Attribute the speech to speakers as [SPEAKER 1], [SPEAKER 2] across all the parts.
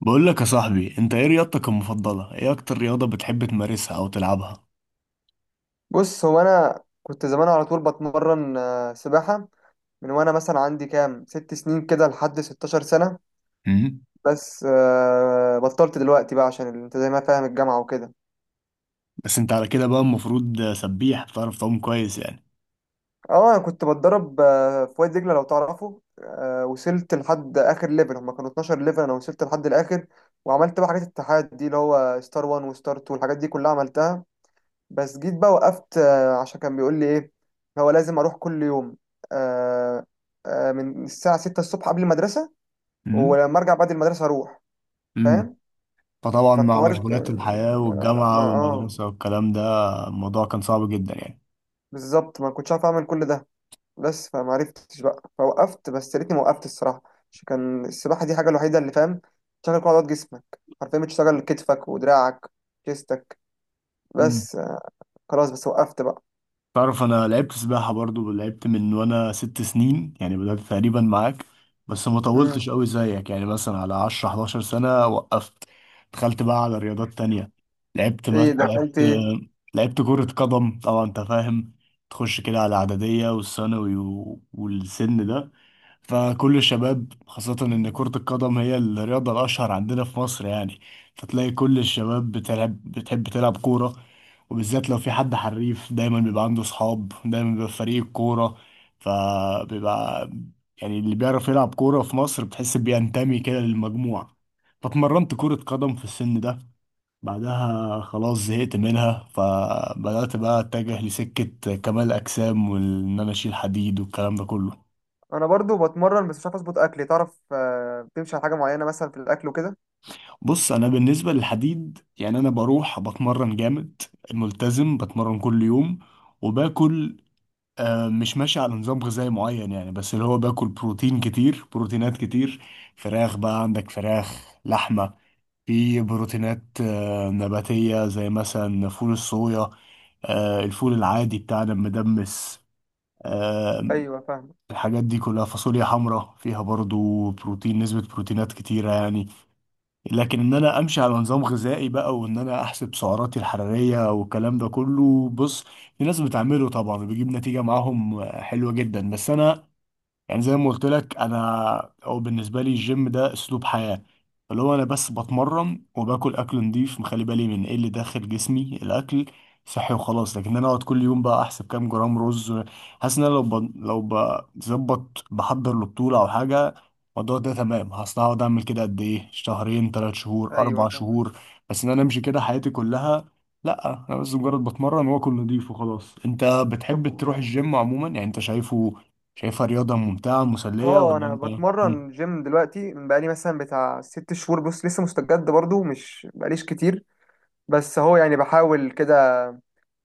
[SPEAKER 1] بقول لك يا صاحبي، انت ايه رياضتك المفضلة؟ ايه اكتر رياضة بتحب تمارسها او تلعبها؟
[SPEAKER 2] بص هو انا كنت زمان على طول بتمرن سباحه. من وانا مثلا عندي كام 6 سنين كده لحد 16 سنه.
[SPEAKER 1] امم
[SPEAKER 2] بس بطلت دلوقتي بقى عشان انت زي ما فاهم الجامعه وكده.
[SPEAKER 1] بس انت على كده بقى المفروض سبيح، بتعرف تعوم كويس يعني.
[SPEAKER 2] اه انا كنت بتدرب في وادي دجله لو تعرفه، وصلت لحد اخر ليفل، هما كانوا 12 ليفل، انا وصلت لحد الاخر. وعملت بقى حاجات الاتحاد دي اللي هو ستار 1 وستار 2 والحاجات دي كلها عملتها. بس جيت بقى وقفت، عشان كان بيقول لي ايه، هو لازم اروح كل يوم. آه، من الساعة 6 الصبح قبل المدرسة،
[SPEAKER 1] امم
[SPEAKER 2] ولما ارجع بعد المدرسة اروح،
[SPEAKER 1] امم
[SPEAKER 2] فاهم.
[SPEAKER 1] فطبعا مع
[SPEAKER 2] فالحوار اه ك-
[SPEAKER 1] مشغولات الحياة
[SPEAKER 2] آه،
[SPEAKER 1] والجامعة
[SPEAKER 2] ما اه
[SPEAKER 1] والمدرسة والكلام ده، الموضوع كان صعب جدا يعني.
[SPEAKER 2] بالظبط ما كنتش عارف اعمل كل ده. بس فما عرفتش بقى فوقفت، بس يا ريتني ما وقفت الصراحة. عشان كان السباحة دي حاجة الوحيدة اللي فاهم تشغل كل عضلات جسمك، حرفيا بتشتغل كتفك ودراعك جسمك.
[SPEAKER 1] مم.
[SPEAKER 2] بس آه، خلاص بس وقفت بقى.
[SPEAKER 1] تعرف انا لعبت سباحة برضو، لعبت من وانا 6 سنين، يعني بدأت تقريبا معاك. بس ما
[SPEAKER 2] مم.
[SPEAKER 1] طولتش قوي زيك، يعني مثلا على 10 11 سنة وقفت. دخلت بقى على رياضات تانية.
[SPEAKER 2] ايه
[SPEAKER 1] لعبت،
[SPEAKER 2] دخلت.
[SPEAKER 1] لعبت كرة قدم طبعا، انت فاهم، تخش كده على اعدادية والثانوي والسن ده. فكل الشباب، خاصة ان كرة القدم هي الرياضة الاشهر عندنا في مصر يعني، فتلاقي كل الشباب بتلعب، بتحب تلعب كورة. وبالذات لو في حد حريف، دايما بيبقى عنده صحاب، دايما بيبقى في فريق الكورة. فبيبقى يعني اللي بيعرف يلعب كورة في مصر بتحس بينتمي كده للمجموعة. فاتمرنت كرة قدم في السن ده. بعدها خلاص زهقت منها، فبدأت بقى أتجه لسكة كمال أجسام، وإن أنا أشيل حديد والكلام ده كله.
[SPEAKER 2] انا برضو بتمرن بس مش عارف اظبط اكلي، تعرف بتمشي على حاجه معينه مثلا في الاكل وكده؟
[SPEAKER 1] بص، أنا بالنسبة للحديد يعني أنا بروح بتمرن جامد، ملتزم بتمرن كل يوم. وباكل مش ماشي على نظام غذائي معين يعني، بس اللي هو باكل بروتين كتير، بروتينات كتير. فراخ بقى، عندك فراخ، لحمة. في بروتينات نباتية زي مثلا فول الصويا، الفول العادي بتاعنا المدمس. آه،
[SPEAKER 2] ايوه فاهم.
[SPEAKER 1] الحاجات دي كلها، فاصوليا حمراء فيها برضو بروتين، نسبة بروتينات كتيرة يعني. لكن ان انا امشي على نظام غذائي بقى، وان انا احسب سعراتي الحراريه والكلام ده كله، بص، في ناس بتعمله طبعا وبيجيب نتيجه معاهم حلوه جدا. بس انا يعني زي ما قلت لك، انا او بالنسبه لي الجيم ده اسلوب حياه، اللي هو انا بس بتمرن وباكل اكل نضيف، مخلي بالي من ايه اللي داخل جسمي، الاكل صحي وخلاص. لكن انا اقعد كل يوم بقى احسب كام جرام رز، حاسس ان انا لو بظبط بحضر لبطوله او حاجه، الموضوع ده تمام، هصل هقعد اعمل كده قد ايه، شهرين ثلاث شهور
[SPEAKER 2] ايوه
[SPEAKER 1] اربع
[SPEAKER 2] فاهم.
[SPEAKER 1] شهور. بس ان انا امشي كده حياتي كلها، لا. انا بس مجرد بتمرن واكل نضيف وخلاص. انت
[SPEAKER 2] طب
[SPEAKER 1] بتحب تروح
[SPEAKER 2] و-
[SPEAKER 1] الجيم عموما يعني؟ انت شايفه، شايفها رياضة ممتعة مسلية
[SPEAKER 2] اه
[SPEAKER 1] ولا
[SPEAKER 2] انا
[SPEAKER 1] انت؟ مم.
[SPEAKER 2] بتمرن جيم دلوقتي من بقالي مثلا بتاع 6 شهور، بص لسه مستجد برضو مش بقاليش كتير. بس هو يعني بحاول كده.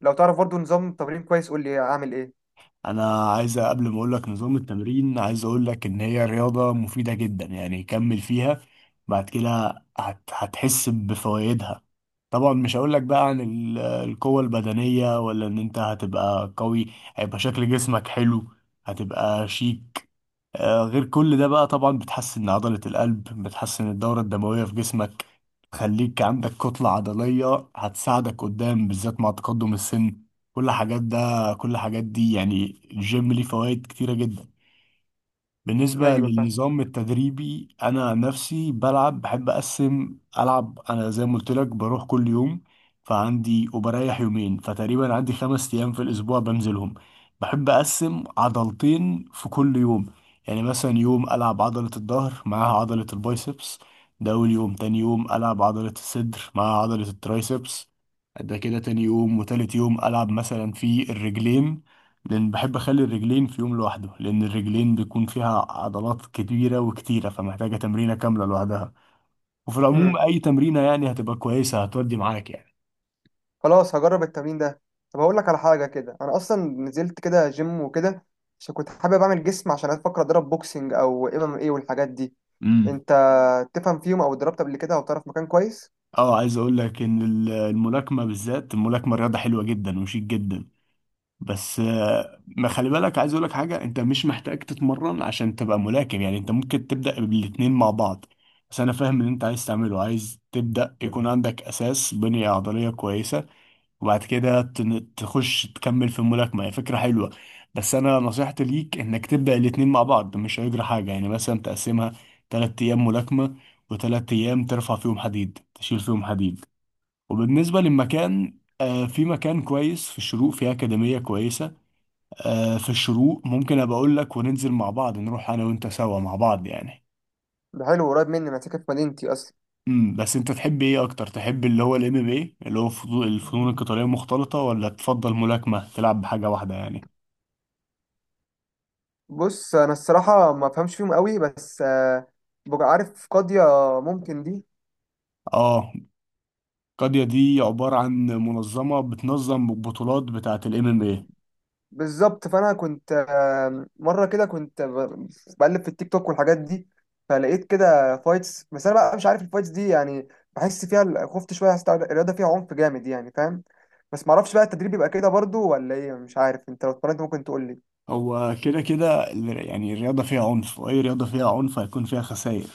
[SPEAKER 2] لو تعرف برضو نظام تمرين كويس قول لي اعمل ايه.
[SPEAKER 1] انا عايز قبل ما اقول لك نظام التمرين، عايز اقول لك ان هي رياضة مفيدة جدا يعني، كمل فيها. بعد كده هتحس بفوائدها. طبعا مش هقول لك بقى عن القوة البدنية، ولا ان انت هتبقى قوي، هيبقى شكل جسمك حلو، هتبقى شيك. غير كل ده بقى طبعا بتحسن عضلة القلب، بتحسن الدورة الدموية في جسمك، تخليك عندك كتلة عضلية هتساعدك قدام بالذات مع تقدم السن. كل حاجات ده كل حاجات دي يعني، الجيم ليه فوائد كتيرة جدا. بالنسبة
[SPEAKER 2] ايوه فاهم.
[SPEAKER 1] للنظام التدريبي، أنا عن نفسي بلعب، بحب أقسم، ألعب أنا زي ما قلت لك بروح كل يوم. فعندي وبريح يومين، فتقريبا عندي 5 أيام في الأسبوع بنزلهم. بحب أقسم عضلتين في كل يوم. يعني مثلا يوم ألعب عضلة الظهر معاها عضلة البايسبس، ده أول يوم. تاني يوم ألعب عضلة الصدر معاها عضلة الترايسبس، ده كده تاني يوم. وتالت يوم ألعب مثلا في الرجلين، لان بحب اخلي الرجلين في يوم لوحده، لان الرجلين بيكون فيها عضلات كبيره وكتيره، فمحتاجه تمرينه كامله لوحدها. وفي العموم اي تمرينه يعني هتبقى كويسه، هتودي معاك يعني.
[SPEAKER 2] خلاص هجرب التمرين ده. طب هقول لك على حاجه كده، انا اصلا نزلت كده جيم وكده عشان كنت حابب اعمل جسم، عشان افكر اضرب بوكسنج او ام ام ايه والحاجات دي.
[SPEAKER 1] امم
[SPEAKER 2] انت تفهم فيهم او اتدربت قبل كده او تعرف مكان كويس؟
[SPEAKER 1] اه، عايز اقول لك ان الملاكمه بالذات، الملاكمه رياضه حلوه جدا وشيك جدا. بس ما خلي بالك، عايز اقول لك حاجه، انت مش محتاج تتمرن عشان تبقى ملاكم يعني، انت ممكن تبدا بالاتنين مع بعض. بس انا فاهم اللي انت عايز تعمله، عايز تبدا يكون عندك اساس، بنيه عضليه كويسه، وبعد كده تخش تكمل في الملاكمة، هي فكرة حلوة. بس أنا نصيحتي ليك إنك تبدأ الاتنين مع بعض، مش هيجرى حاجة يعني، مثلا تقسمها 3 أيام ملاكمة، وتلات أيام ترفع فيهم حديد، تشيل فيهم حديد. وبالنسبة للمكان، آه، في مكان كويس في الشروق، في أكاديمية كويسة آه في الشروق، ممكن أبقى أقول لك وننزل مع بعض، نروح أنا وأنت سوا مع بعض يعني.
[SPEAKER 2] ده حلو، قريب مني، انا ساكن في مدينتي اصلا.
[SPEAKER 1] بس أنت تحب إيه أكتر؟ تحب اللي هو الام ام ايه، اللي هو الفنون القتالية المختلطة، ولا تفضل ملاكمة تلعب بحاجة واحدة يعني؟
[SPEAKER 2] بص انا الصراحه ما بفهمش فيهم قوي، بس آه، ببقى عارف قاضيه، ممكن دي.
[SPEAKER 1] اه، قضية دي عبارة عن منظمة بتنظم بطولات بتاعة الام ام اي.
[SPEAKER 2] بالظبط. فانا كنت آه، مره كده كنت بقلب في التيك توك والحاجات دي، فلقيت كده فايتس، بس انا بقى مش عارف الفايتس دي يعني. بحس فيها خفت شويه، حسيت الرياضه فيها عنف جامد يعني، فاهم. بس ما اعرفش بقى التدريب يبقى كده برضو ولا ايه، مش عارف، انت لو اتمرنت ممكن تقول لي.
[SPEAKER 1] هو كده كده يعني الرياضة فيها عنف، وأي رياضة فيها عنف هيكون فيها خسائر.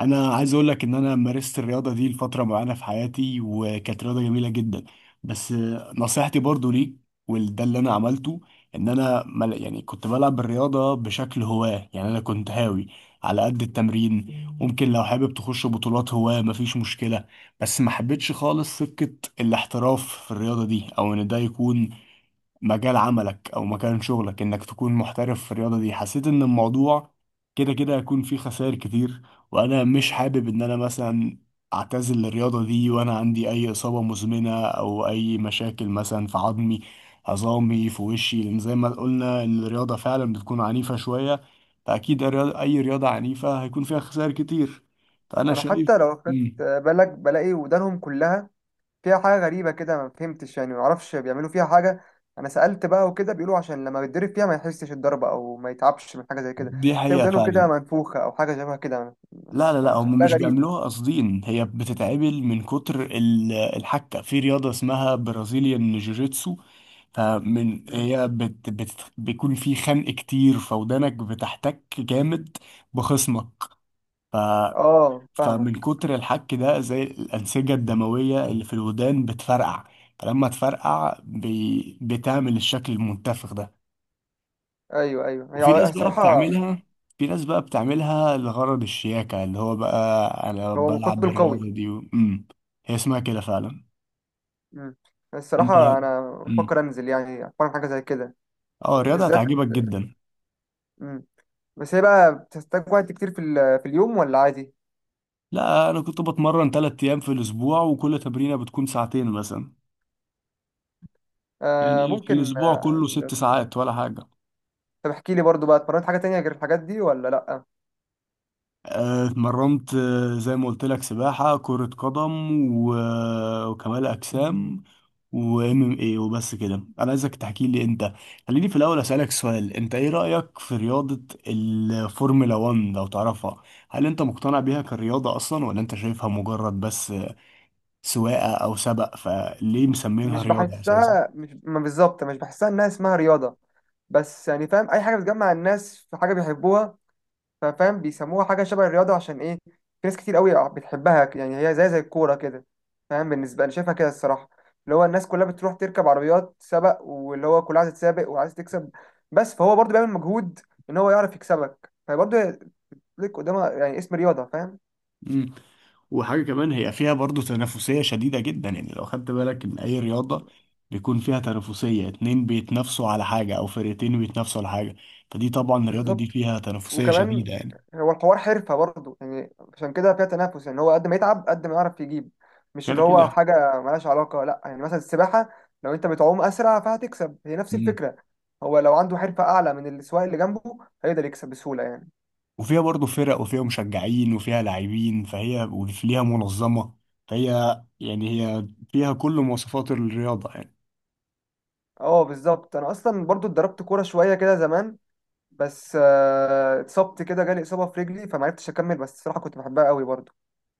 [SPEAKER 1] أنا عايز أقول لك إن أنا مارست الرياضة دي لفترة معينة في حياتي، وكانت رياضة جميلة جدا. بس نصيحتي برضو ليك، وده اللي أنا عملته، إن أنا يعني كنت بلعب الرياضة بشكل هواة، يعني أنا كنت هاوي على قد التمرين. ممكن لو حابب تخش بطولات هواة، مفيش مشكلة. بس ما حبيتش خالص سكة الاحتراف في الرياضة دي، أو إن ده يكون مجال عملك او مكان شغلك، انك تكون محترف في الرياضة دي. حسيت ان الموضوع كده كده هيكون فيه خسائر كتير، وانا مش
[SPEAKER 2] مم.
[SPEAKER 1] حابب ان انا مثلا اعتزل الرياضة دي وانا عندي اي اصابة مزمنة، او اي مشاكل مثلا في عظمي، عظامي في وشي، لان زي ما قلنا ان الرياضة فعلا بتكون عنيفة شوية. فاكيد اي رياضة عنيفة هيكون فيها خسائر كتير، فانا
[SPEAKER 2] انا
[SPEAKER 1] شايف.
[SPEAKER 2] حتى لو خدت
[SPEAKER 1] مم.
[SPEAKER 2] بالك بلاقي ودانهم كلها فيها حاجة غريبة كده، ما فهمتش يعني، ما اعرفش بيعملوا فيها حاجة. انا سألت بقى وكده بيقولوا عشان لما بيتضرب فيها ما يحسش الضربة او ما يتعبش من حاجة زي كده.
[SPEAKER 1] دي
[SPEAKER 2] تلاقي
[SPEAKER 1] حقيقة
[SPEAKER 2] ودانه كده
[SPEAKER 1] فعلا.
[SPEAKER 2] منفوخة او حاجة شبه كده،
[SPEAKER 1] لا
[SPEAKER 2] بس
[SPEAKER 1] لا لا، هم
[SPEAKER 2] فشكلها
[SPEAKER 1] مش
[SPEAKER 2] غريب.
[SPEAKER 1] بيعملوها قاصدين، هي بتتعمل من كتر الحكة في رياضة اسمها برازيليان جوجيتسو. فمن
[SPEAKER 2] مم.
[SPEAKER 1] هي بت بت بيكون في خنق كتير، فودانك بتحتك جامد بخصمك. ف
[SPEAKER 2] اه فاهمة.
[SPEAKER 1] فمن كتر الحك ده، زي الأنسجة الدموية اللي في الودان بتفرقع، فلما تفرقع بي بتعمل الشكل المنتفخ ده.
[SPEAKER 2] ايوه ايوه،
[SPEAKER 1] وفي ناس بقى
[SPEAKER 2] الصراحة
[SPEAKER 1] بتعملها في ناس بقى بتعملها لغرض الشياكة، اللي هو بقى أنا
[SPEAKER 2] هو
[SPEAKER 1] بلعب
[SPEAKER 2] مقاتل قوي.
[SPEAKER 1] الرياضة دي مم. هي اسمها كده فعلا.
[SPEAKER 2] مم.
[SPEAKER 1] أنت.
[SPEAKER 2] الصراحة انا
[SPEAKER 1] مم.
[SPEAKER 2] بفكر انزل يعني اتفرج حاجة زي كده
[SPEAKER 1] أه، الرياضة
[SPEAKER 2] بالذات.
[SPEAKER 1] هتعجبك جدا.
[SPEAKER 2] مم. بس هي بقى بتحتاج وقت كتير في اليوم ولا عادي؟
[SPEAKER 1] لا، أنا كنت بتمرن 3 أيام في الأسبوع، وكل تمرينة بتكون ساعتين مثلا،
[SPEAKER 2] آه
[SPEAKER 1] يعني في
[SPEAKER 2] ممكن
[SPEAKER 1] الأسبوع كله
[SPEAKER 2] آه،
[SPEAKER 1] 6 ساعات ولا حاجة.
[SPEAKER 2] طب احكي لي برضو بقى اتمرنت حاجة تانية غير الحاجات دي ولا لأ؟
[SPEAKER 1] اتمرنت زي ما قلت لك، سباحة، كرة قدم، وكمال أجسام، وام ام اي، وبس كده. انا عايزك تحكي لي انت. خليني في الاول اسالك سؤال، انت ايه رايك في رياضه الفورمولا 1 لو تعرفها؟ هل انت مقتنع بيها كرياضه اصلا، ولا انت شايفها مجرد بس سواقه او سبق؟ فليه مسمينها
[SPEAKER 2] مش
[SPEAKER 1] رياضه اساسا؟
[SPEAKER 2] بحسها، مش ما بالظبط مش بحسها انها اسمها رياضة، بس يعني فاهم اي حاجة بتجمع الناس في حاجة بيحبوها، ففاهم بيسموها حاجة شبه الرياضة. عشان ايه في ناس كتير قوي بتحبها يعني، هي زي الكورة كده فاهم، بالنسبة انا شايفها كده الصراحة. اللي هو الناس كلها بتروح تركب عربيات سبق، واللي هو كلها عايز تسابق وعايز تكسب، بس فهو برضه بيعمل مجهود ان هو يعرف يكسبك، فبرضه ليك قدامها يعني اسم رياضة فاهم.
[SPEAKER 1] وحاجة كمان، هي فيها برضو تنافسية شديدة جدا يعني. لو خدت بالك من أي رياضة، بيكون فيها تنافسية، اتنين بيتنافسوا على حاجة، أو فرقتين بيتنافسوا على حاجة، فدي طبعا الرياضة دي
[SPEAKER 2] بالظبط.
[SPEAKER 1] فيها تنافسية
[SPEAKER 2] وكمان
[SPEAKER 1] شديدة يعني.
[SPEAKER 2] هو الحوار حرفة برضه يعني، عشان كده فيها تنافس يعني، هو قد ما يتعب قد ما يعرف يجيب، مش اللي
[SPEAKER 1] كده
[SPEAKER 2] هو
[SPEAKER 1] كده.
[SPEAKER 2] حاجة ملهاش علاقة، لا يعني مثلا السباحة لو انت بتعوم أسرع فهتكسب، هي نفس
[SPEAKER 1] مم.
[SPEAKER 2] الفكرة. هو لو عنده حرفة أعلى من السواق اللي جنبه هيقدر يكسب بسهولة يعني.
[SPEAKER 1] وفيها برضو فرق، وفيها مشجعين، وفيها لاعبين، فهي وليها منظمة، فهي يعني هي فيها كل مواصفات الرياضة يعني.
[SPEAKER 2] اه بالظبط. أنا أصلا برضه اتدربت كورة شوية كده زمان، بس آه، اتصبت كده، جالي إصابة في رجلي فمعرفتش أكمل، بس الصراحة كنت بحبها قوي برضه،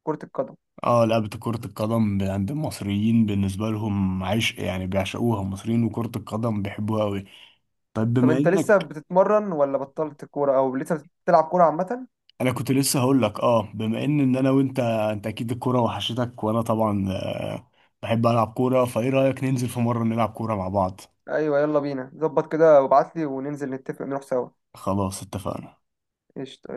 [SPEAKER 2] كرة القدم.
[SPEAKER 1] اه، لعبة كرة القدم عند المصريين بالنسبة لهم عشق يعني، بيعشقوها المصريين، وكرة القدم بيحبوها أوي. طيب
[SPEAKER 2] طب
[SPEAKER 1] بما
[SPEAKER 2] انت لسه
[SPEAKER 1] إنك،
[SPEAKER 2] بتتمرن ولا بطلت كورة او لسه بتلعب كورة عامة؟
[SPEAKER 1] انا كنت لسه هقول لك، اه بما ان انا وانت اكيد الكوره وحشتك، وانا طبعا بحب العب كوره، فايه رايك ننزل في مره نلعب كوره مع بعض؟
[SPEAKER 2] ايوه يلا بينا، ظبط كده وابعت لي وننزل نتفق نروح سوا.
[SPEAKER 1] خلاص اتفقنا.
[SPEAKER 2] قشطة.